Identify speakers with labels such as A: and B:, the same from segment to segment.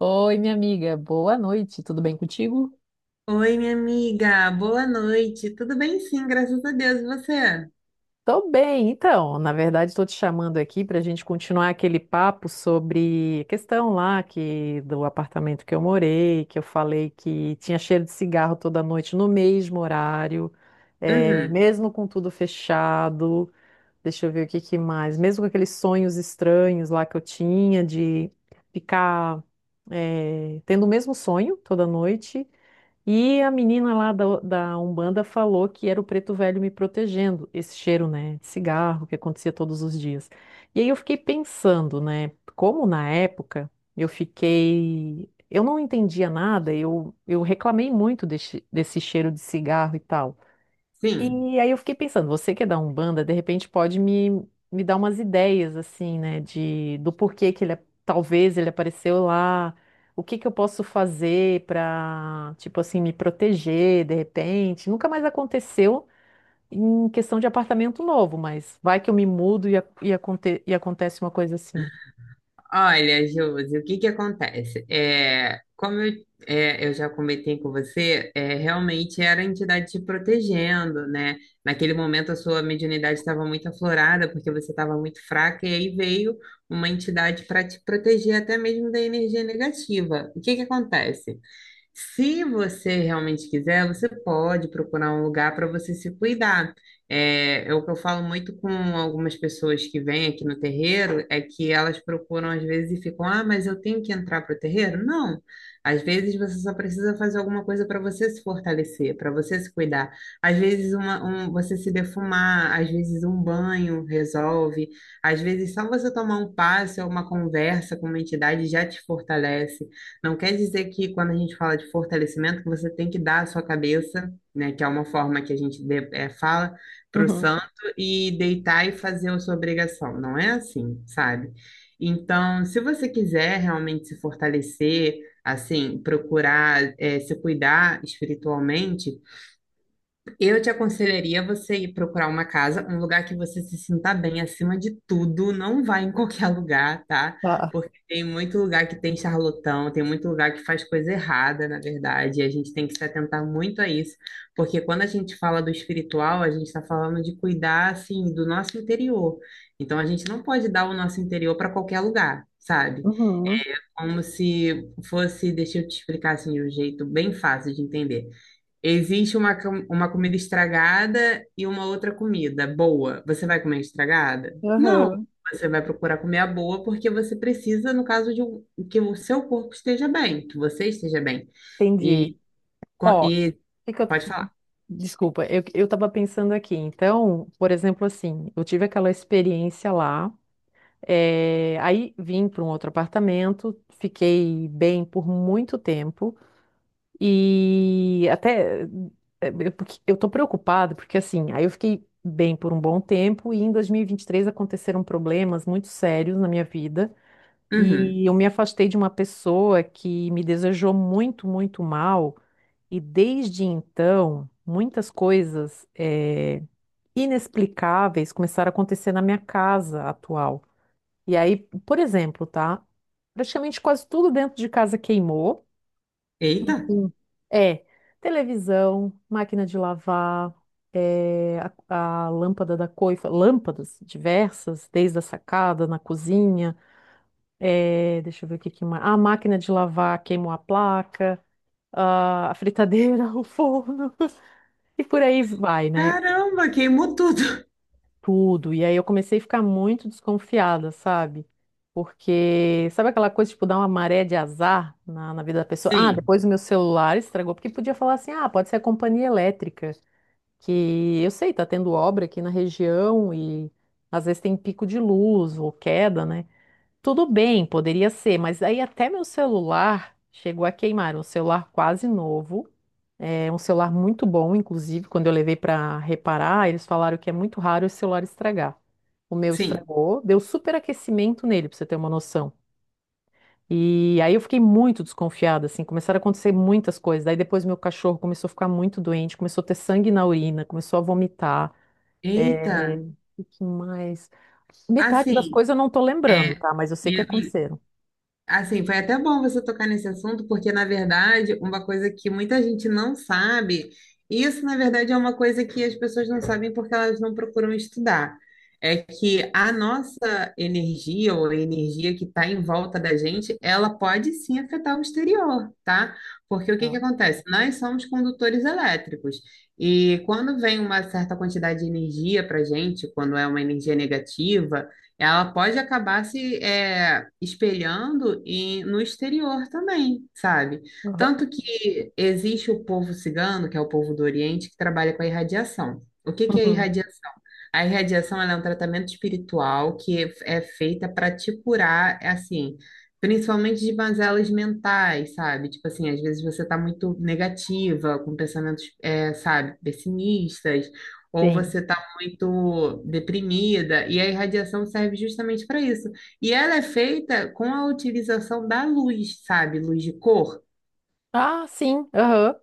A: Oi, minha amiga, boa noite, tudo bem contigo?
B: Oi, minha amiga, boa noite. Tudo bem? Sim, graças a Deus. E você?
A: Tô bem. Então, na verdade, estou te chamando aqui para a gente continuar aquele papo sobre a questão lá que do apartamento que eu morei, que eu falei que tinha cheiro de cigarro toda noite no mesmo horário,
B: Uhum,
A: mesmo com tudo fechado. Deixa eu ver o que que mais, mesmo com aqueles sonhos estranhos lá que eu tinha de ficar, tendo o mesmo sonho toda noite. E a menina lá da Umbanda falou que era o preto velho me protegendo, esse cheiro, né, de cigarro que acontecia todos os dias. E aí eu fiquei pensando, né, como na época eu fiquei, eu não entendia nada, eu reclamei muito desse cheiro de cigarro e tal.
B: sim.
A: E aí eu fiquei pensando, você que é da Umbanda, de repente pode me dar umas ideias, assim, né, de, do porquê que ele, talvez ele apareceu lá, o que que eu posso fazer pra, tipo assim, me proteger, de repente. Nunca mais aconteceu em questão de apartamento novo, mas vai que eu me mudo e acontece uma coisa assim.
B: Olha, Josi, o que que acontece? Eu já comentei com você, realmente era a entidade te protegendo, né? Naquele momento a sua mediunidade estava muito aflorada, porque você estava muito fraca, e aí veio uma entidade para te proteger até mesmo da energia negativa. O que que acontece? Se você realmente quiser, você pode procurar um lugar para você se cuidar. É o que eu falo muito com algumas pessoas que vêm aqui no terreiro, é que elas procuram às vezes e ficam, ah, mas eu tenho que entrar para o terreiro? Não. Às vezes você só precisa fazer alguma coisa para você se fortalecer, para você se cuidar. Às vezes uma, um, você se defumar, às vezes um banho resolve, às vezes só você tomar um passe ou uma conversa com uma entidade já te fortalece. Não quer dizer que quando a gente fala de fortalecimento, que você tem que dar a sua cabeça, né, que é uma forma que a gente fala para o
A: Uhum.
B: santo e deitar e fazer a sua obrigação. Não é assim, sabe? Então, se você quiser realmente se fortalecer, assim, procurar, se cuidar espiritualmente, eu te aconselharia você ir procurar uma casa, um lugar que você se sinta bem acima de tudo. Não vá em qualquer lugar, tá?
A: Tá.
B: Porque tem muito lugar que tem charlatão, tem muito lugar que faz coisa errada, na verdade. E a gente tem que se atentar muito a isso. Porque quando a gente fala do espiritual, a gente está falando de cuidar, assim, do nosso interior. Então a gente não pode dar o nosso interior para qualquer lugar. Sabe?
A: Uhum.
B: Como se fosse, deixa eu te explicar assim de um jeito bem fácil de entender. Existe uma, uma comida estragada e uma outra comida boa. Você vai comer a estragada? Não.
A: Aham.
B: Você vai procurar comer a boa porque você precisa, no caso de que o seu corpo esteja bem, que você esteja bem.
A: Entendi.
B: E, co-
A: Ó, o
B: e
A: que que eu
B: Pode falar.
A: Desculpa, eu tava pensando aqui. Então, por exemplo, assim, eu tive aquela experiência lá, aí vim para um outro apartamento, fiquei bem por muito tempo e até porque eu tô preocupada porque assim, aí eu fiquei bem por um bom tempo e em dois mil e vinte e três aconteceram problemas muito sérios na minha vida
B: Uhum.
A: e eu me afastei de uma pessoa que me desejou muito, muito mal. E desde então, muitas coisas inexplicáveis começaram a acontecer na minha casa atual. E aí, por exemplo, tá? Praticamente quase tudo dentro de casa queimou.
B: Eita!
A: Sim. É, televisão, máquina de lavar, eh, a lâmpada da coifa, lâmpadas diversas, desde a sacada, na cozinha, deixa eu ver o que que mais. A máquina de lavar queimou a placa, a fritadeira, o forno. E por aí vai, né?
B: Caramba, queimou tudo.
A: Tudo. E aí eu comecei a ficar muito desconfiada, sabe? Porque, sabe aquela coisa, tipo, dar uma maré de azar na vida da pessoa? Ah,
B: Sim,
A: depois o meu celular estragou, porque podia falar assim, ah, pode ser a companhia elétrica, que eu sei, tá tendo obra aqui na região e às vezes tem pico de luz ou queda, né? Tudo bem, poderia ser, mas aí até meu celular chegou a queimar, um celular quase novo. É um celular muito bom, inclusive, quando eu levei para reparar, eles falaram que é muito raro esse celular estragar. O meu
B: sim.
A: estragou, deu superaquecimento nele, para você ter uma noção. E aí eu fiquei muito desconfiada, assim, começaram a acontecer muitas coisas. Daí depois meu cachorro começou a ficar muito doente, começou a ter sangue na urina, começou a vomitar.
B: Eita!
A: É... O que mais? Metade das
B: Assim,
A: coisas eu não tô lembrando,
B: é,
A: tá? Mas eu sei que aconteceram.
B: Assim, foi até bom você tocar nesse assunto, porque, na verdade, uma coisa que muita gente não sabe, e isso, na verdade, é uma coisa que as pessoas não sabem porque elas não procuram estudar, é que a nossa energia, ou a energia que está em volta da gente, ela pode sim afetar o exterior, tá? Porque o que
A: Ah,
B: que acontece? Nós somos condutores elétricos, e quando vem uma certa quantidade de energia para gente, quando é uma energia negativa, ela pode acabar se é, espelhando no exterior também, sabe?
A: aham,
B: Tanto que existe o povo cigano, que é o povo do Oriente, que trabalha com a irradiação. O que que é a
A: uhum,
B: irradiação? A irradiação ela é um tratamento espiritual que é feita para te curar, é assim, principalmente de mazelas mentais, sabe? Tipo assim, às vezes você está muito negativa, com pensamentos, sabe, pessimistas, ou
A: sim.
B: você muito deprimida, e a irradiação serve justamente para isso. E ela é feita com a utilização da luz, sabe? Luz de cor.
A: Ah, sim. Aham.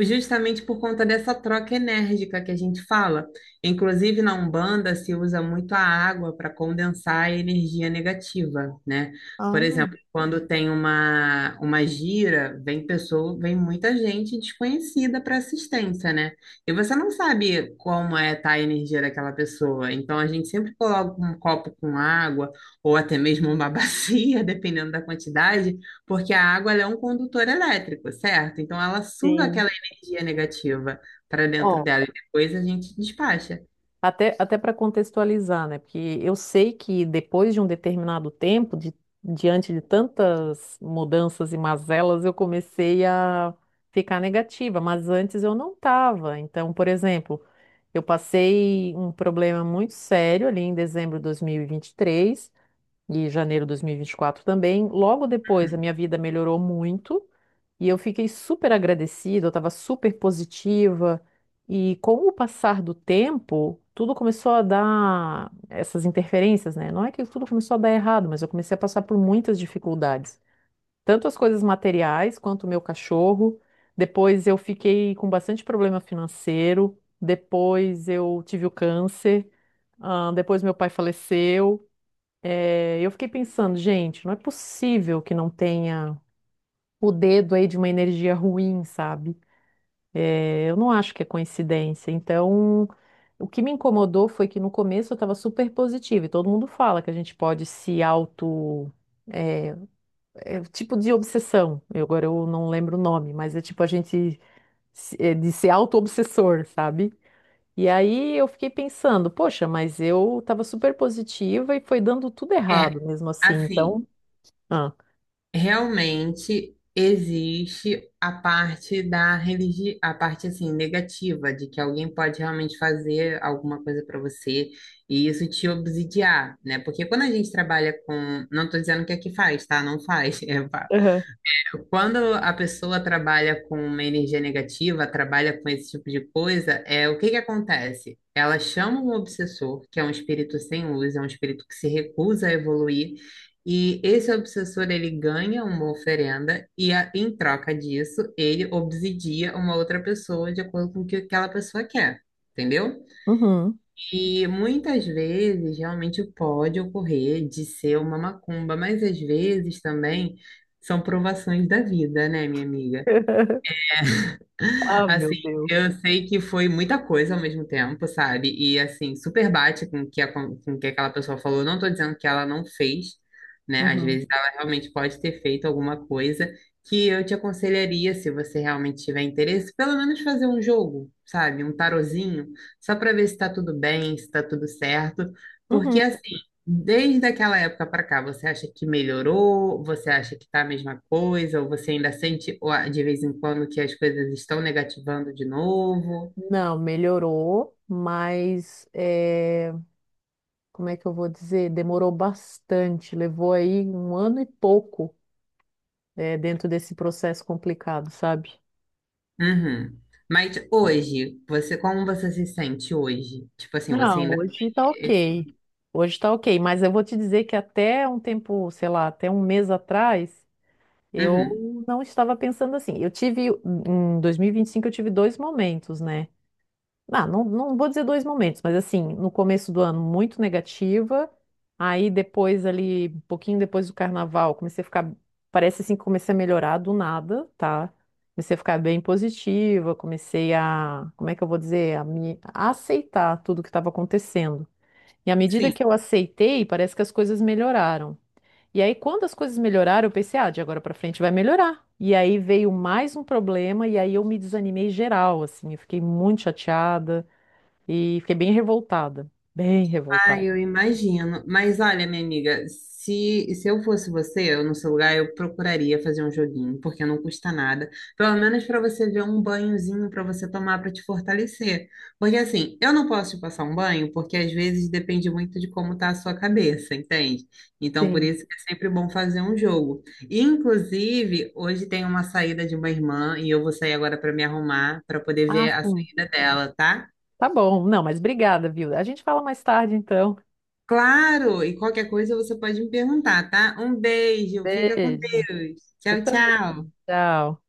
B: Justamente por conta dessa troca enérgica que a gente fala. Inclusive, na Umbanda se usa muito a água para condensar a energia negativa, né? Por
A: Ah,
B: exemplo, quando tem uma gira, vem pessoa, vem muita gente desconhecida para assistência, né? E você não sabe como é tá a energia daquela pessoa. Então, a gente sempre coloca um copo com água, ou até mesmo uma bacia, dependendo da quantidade, porque a água ela é um condutor elétrico, certo? Então, ela suga
A: sim.
B: aquela energia negativa para dentro dela e depois a gente despacha.
A: Até para contextualizar, né? Porque eu sei que depois de um determinado tempo, de- diante de tantas mudanças e mazelas, eu comecei a ficar negativa, mas antes eu não estava. Então, por exemplo, eu passei um problema muito sério ali em dezembro de 2023 e vinte e três e janeiro de 2024 também. Logo depois, a minha vida melhorou muito. E eu fiquei super agradecida, eu estava super positiva. E com o passar do tempo, tudo começou a dar essas interferências, né? Não é que tudo começou a dar errado, mas eu comecei a passar por muitas dificuldades. Tanto as coisas materiais quanto o meu cachorro. Depois eu fiquei com bastante problema financeiro. Depois eu tive o câncer. Ah, depois meu pai faleceu. Eu fiquei pensando, gente, não é possível que não tenha o dedo aí de uma energia ruim, sabe? Eu não acho que é coincidência. Então, o que me incomodou foi que no começo eu estava super positiva, e todo mundo fala que a gente pode se auto. É, é o tipo de obsessão. Eu, agora eu não lembro o nome, mas é tipo a gente de ser auto-obsessor, sabe? E aí eu fiquei pensando, poxa, mas eu estava super positiva e foi dando tudo errado
B: É,
A: mesmo assim.
B: assim,
A: Então, ah.
B: realmente existe a parte da religião, a parte assim negativa de que alguém pode realmente fazer alguma coisa para você e isso te obsidiar, né? Porque quando a gente trabalha com, não estou dizendo que é que faz, tá? Não faz,
A: Aham.
B: quando a pessoa trabalha com uma energia negativa, trabalha com esse tipo de coisa, é o que que acontece? Ela chama um obsessor, que é um espírito sem luz, é um espírito que se recusa a evoluir, e esse obsessor ele ganha uma oferenda e em troca disso ele obsidia uma outra pessoa de acordo com o que aquela pessoa quer, entendeu?
A: Uhum.
B: E muitas vezes realmente pode ocorrer de ser uma macumba, mas às vezes também são provações da vida, né, minha amiga?
A: Ah, meu
B: Assim,
A: Deus.
B: eu sei que foi muita coisa ao mesmo tempo, sabe? E assim, super bate com com o que aquela pessoa falou. Eu não tô dizendo que ela não fez, né? Às
A: Uhum.
B: vezes ela realmente pode ter feito alguma coisa que eu te aconselharia, se você realmente tiver interesse, pelo menos fazer um jogo, sabe? Um tarozinho, só para ver se tá tudo bem, se tá tudo certo. Porque
A: Uhum.
B: desde aquela época para cá, você acha que melhorou? Você acha que tá a mesma coisa? Ou você ainda sente ó, de vez em quando que as coisas estão negativando de novo?
A: Não, melhorou, mas como é que eu vou dizer? Demorou bastante, levou aí um ano e pouco dentro desse processo complicado, sabe?
B: Uhum. Mas hoje, você, como você se sente hoje? Tipo assim, você
A: Não,
B: ainda.
A: hoje tá ok. Hoje tá ok, mas eu vou te dizer que até um tempo, sei lá, até um mês atrás,
B: Uhum.
A: eu não estava pensando assim. Eu tive, em dois mil e vinte e cinco, eu tive dois momentos, né? Ah, não, não vou dizer dois momentos, mas assim, no começo do ano muito negativa, aí depois ali, um pouquinho depois do carnaval, comecei a ficar, parece assim que comecei a melhorar do nada, tá? Comecei a ficar bem positiva, comecei a, como é que eu vou dizer, a aceitar tudo que estava acontecendo. E à medida
B: Sim.
A: que eu aceitei, parece que as coisas melhoraram. E aí, quando as coisas melhoraram, eu pensei, ah, de agora pra frente vai melhorar. E aí veio mais um problema, e aí eu me desanimei geral, assim, eu fiquei muito chateada. E fiquei bem revoltada. Bem
B: Ah,
A: revoltada.
B: eu imagino. Mas olha, minha amiga, se eu fosse você, eu no seu lugar, eu procuraria fazer um joguinho, porque não custa nada. Pelo menos para você ver um banhozinho para você tomar para te fortalecer. Porque assim, eu não posso te passar um banho, porque às vezes depende muito de como tá a sua cabeça, entende? Então, por
A: Sim.
B: isso que é sempre bom fazer um jogo. E, inclusive, hoje tem uma saída de uma irmã e eu vou sair agora para me arrumar, para poder
A: Ah,
B: ver a
A: sim.
B: saída dela, tá?
A: Tá bom. Não, mas obrigada, viu? A gente fala mais tarde, então.
B: Claro, e qualquer coisa você pode me perguntar, tá? Um beijo, fica com
A: Beijo.
B: Deus.
A: Você
B: Tchau, tchau.
A: também. Tchau.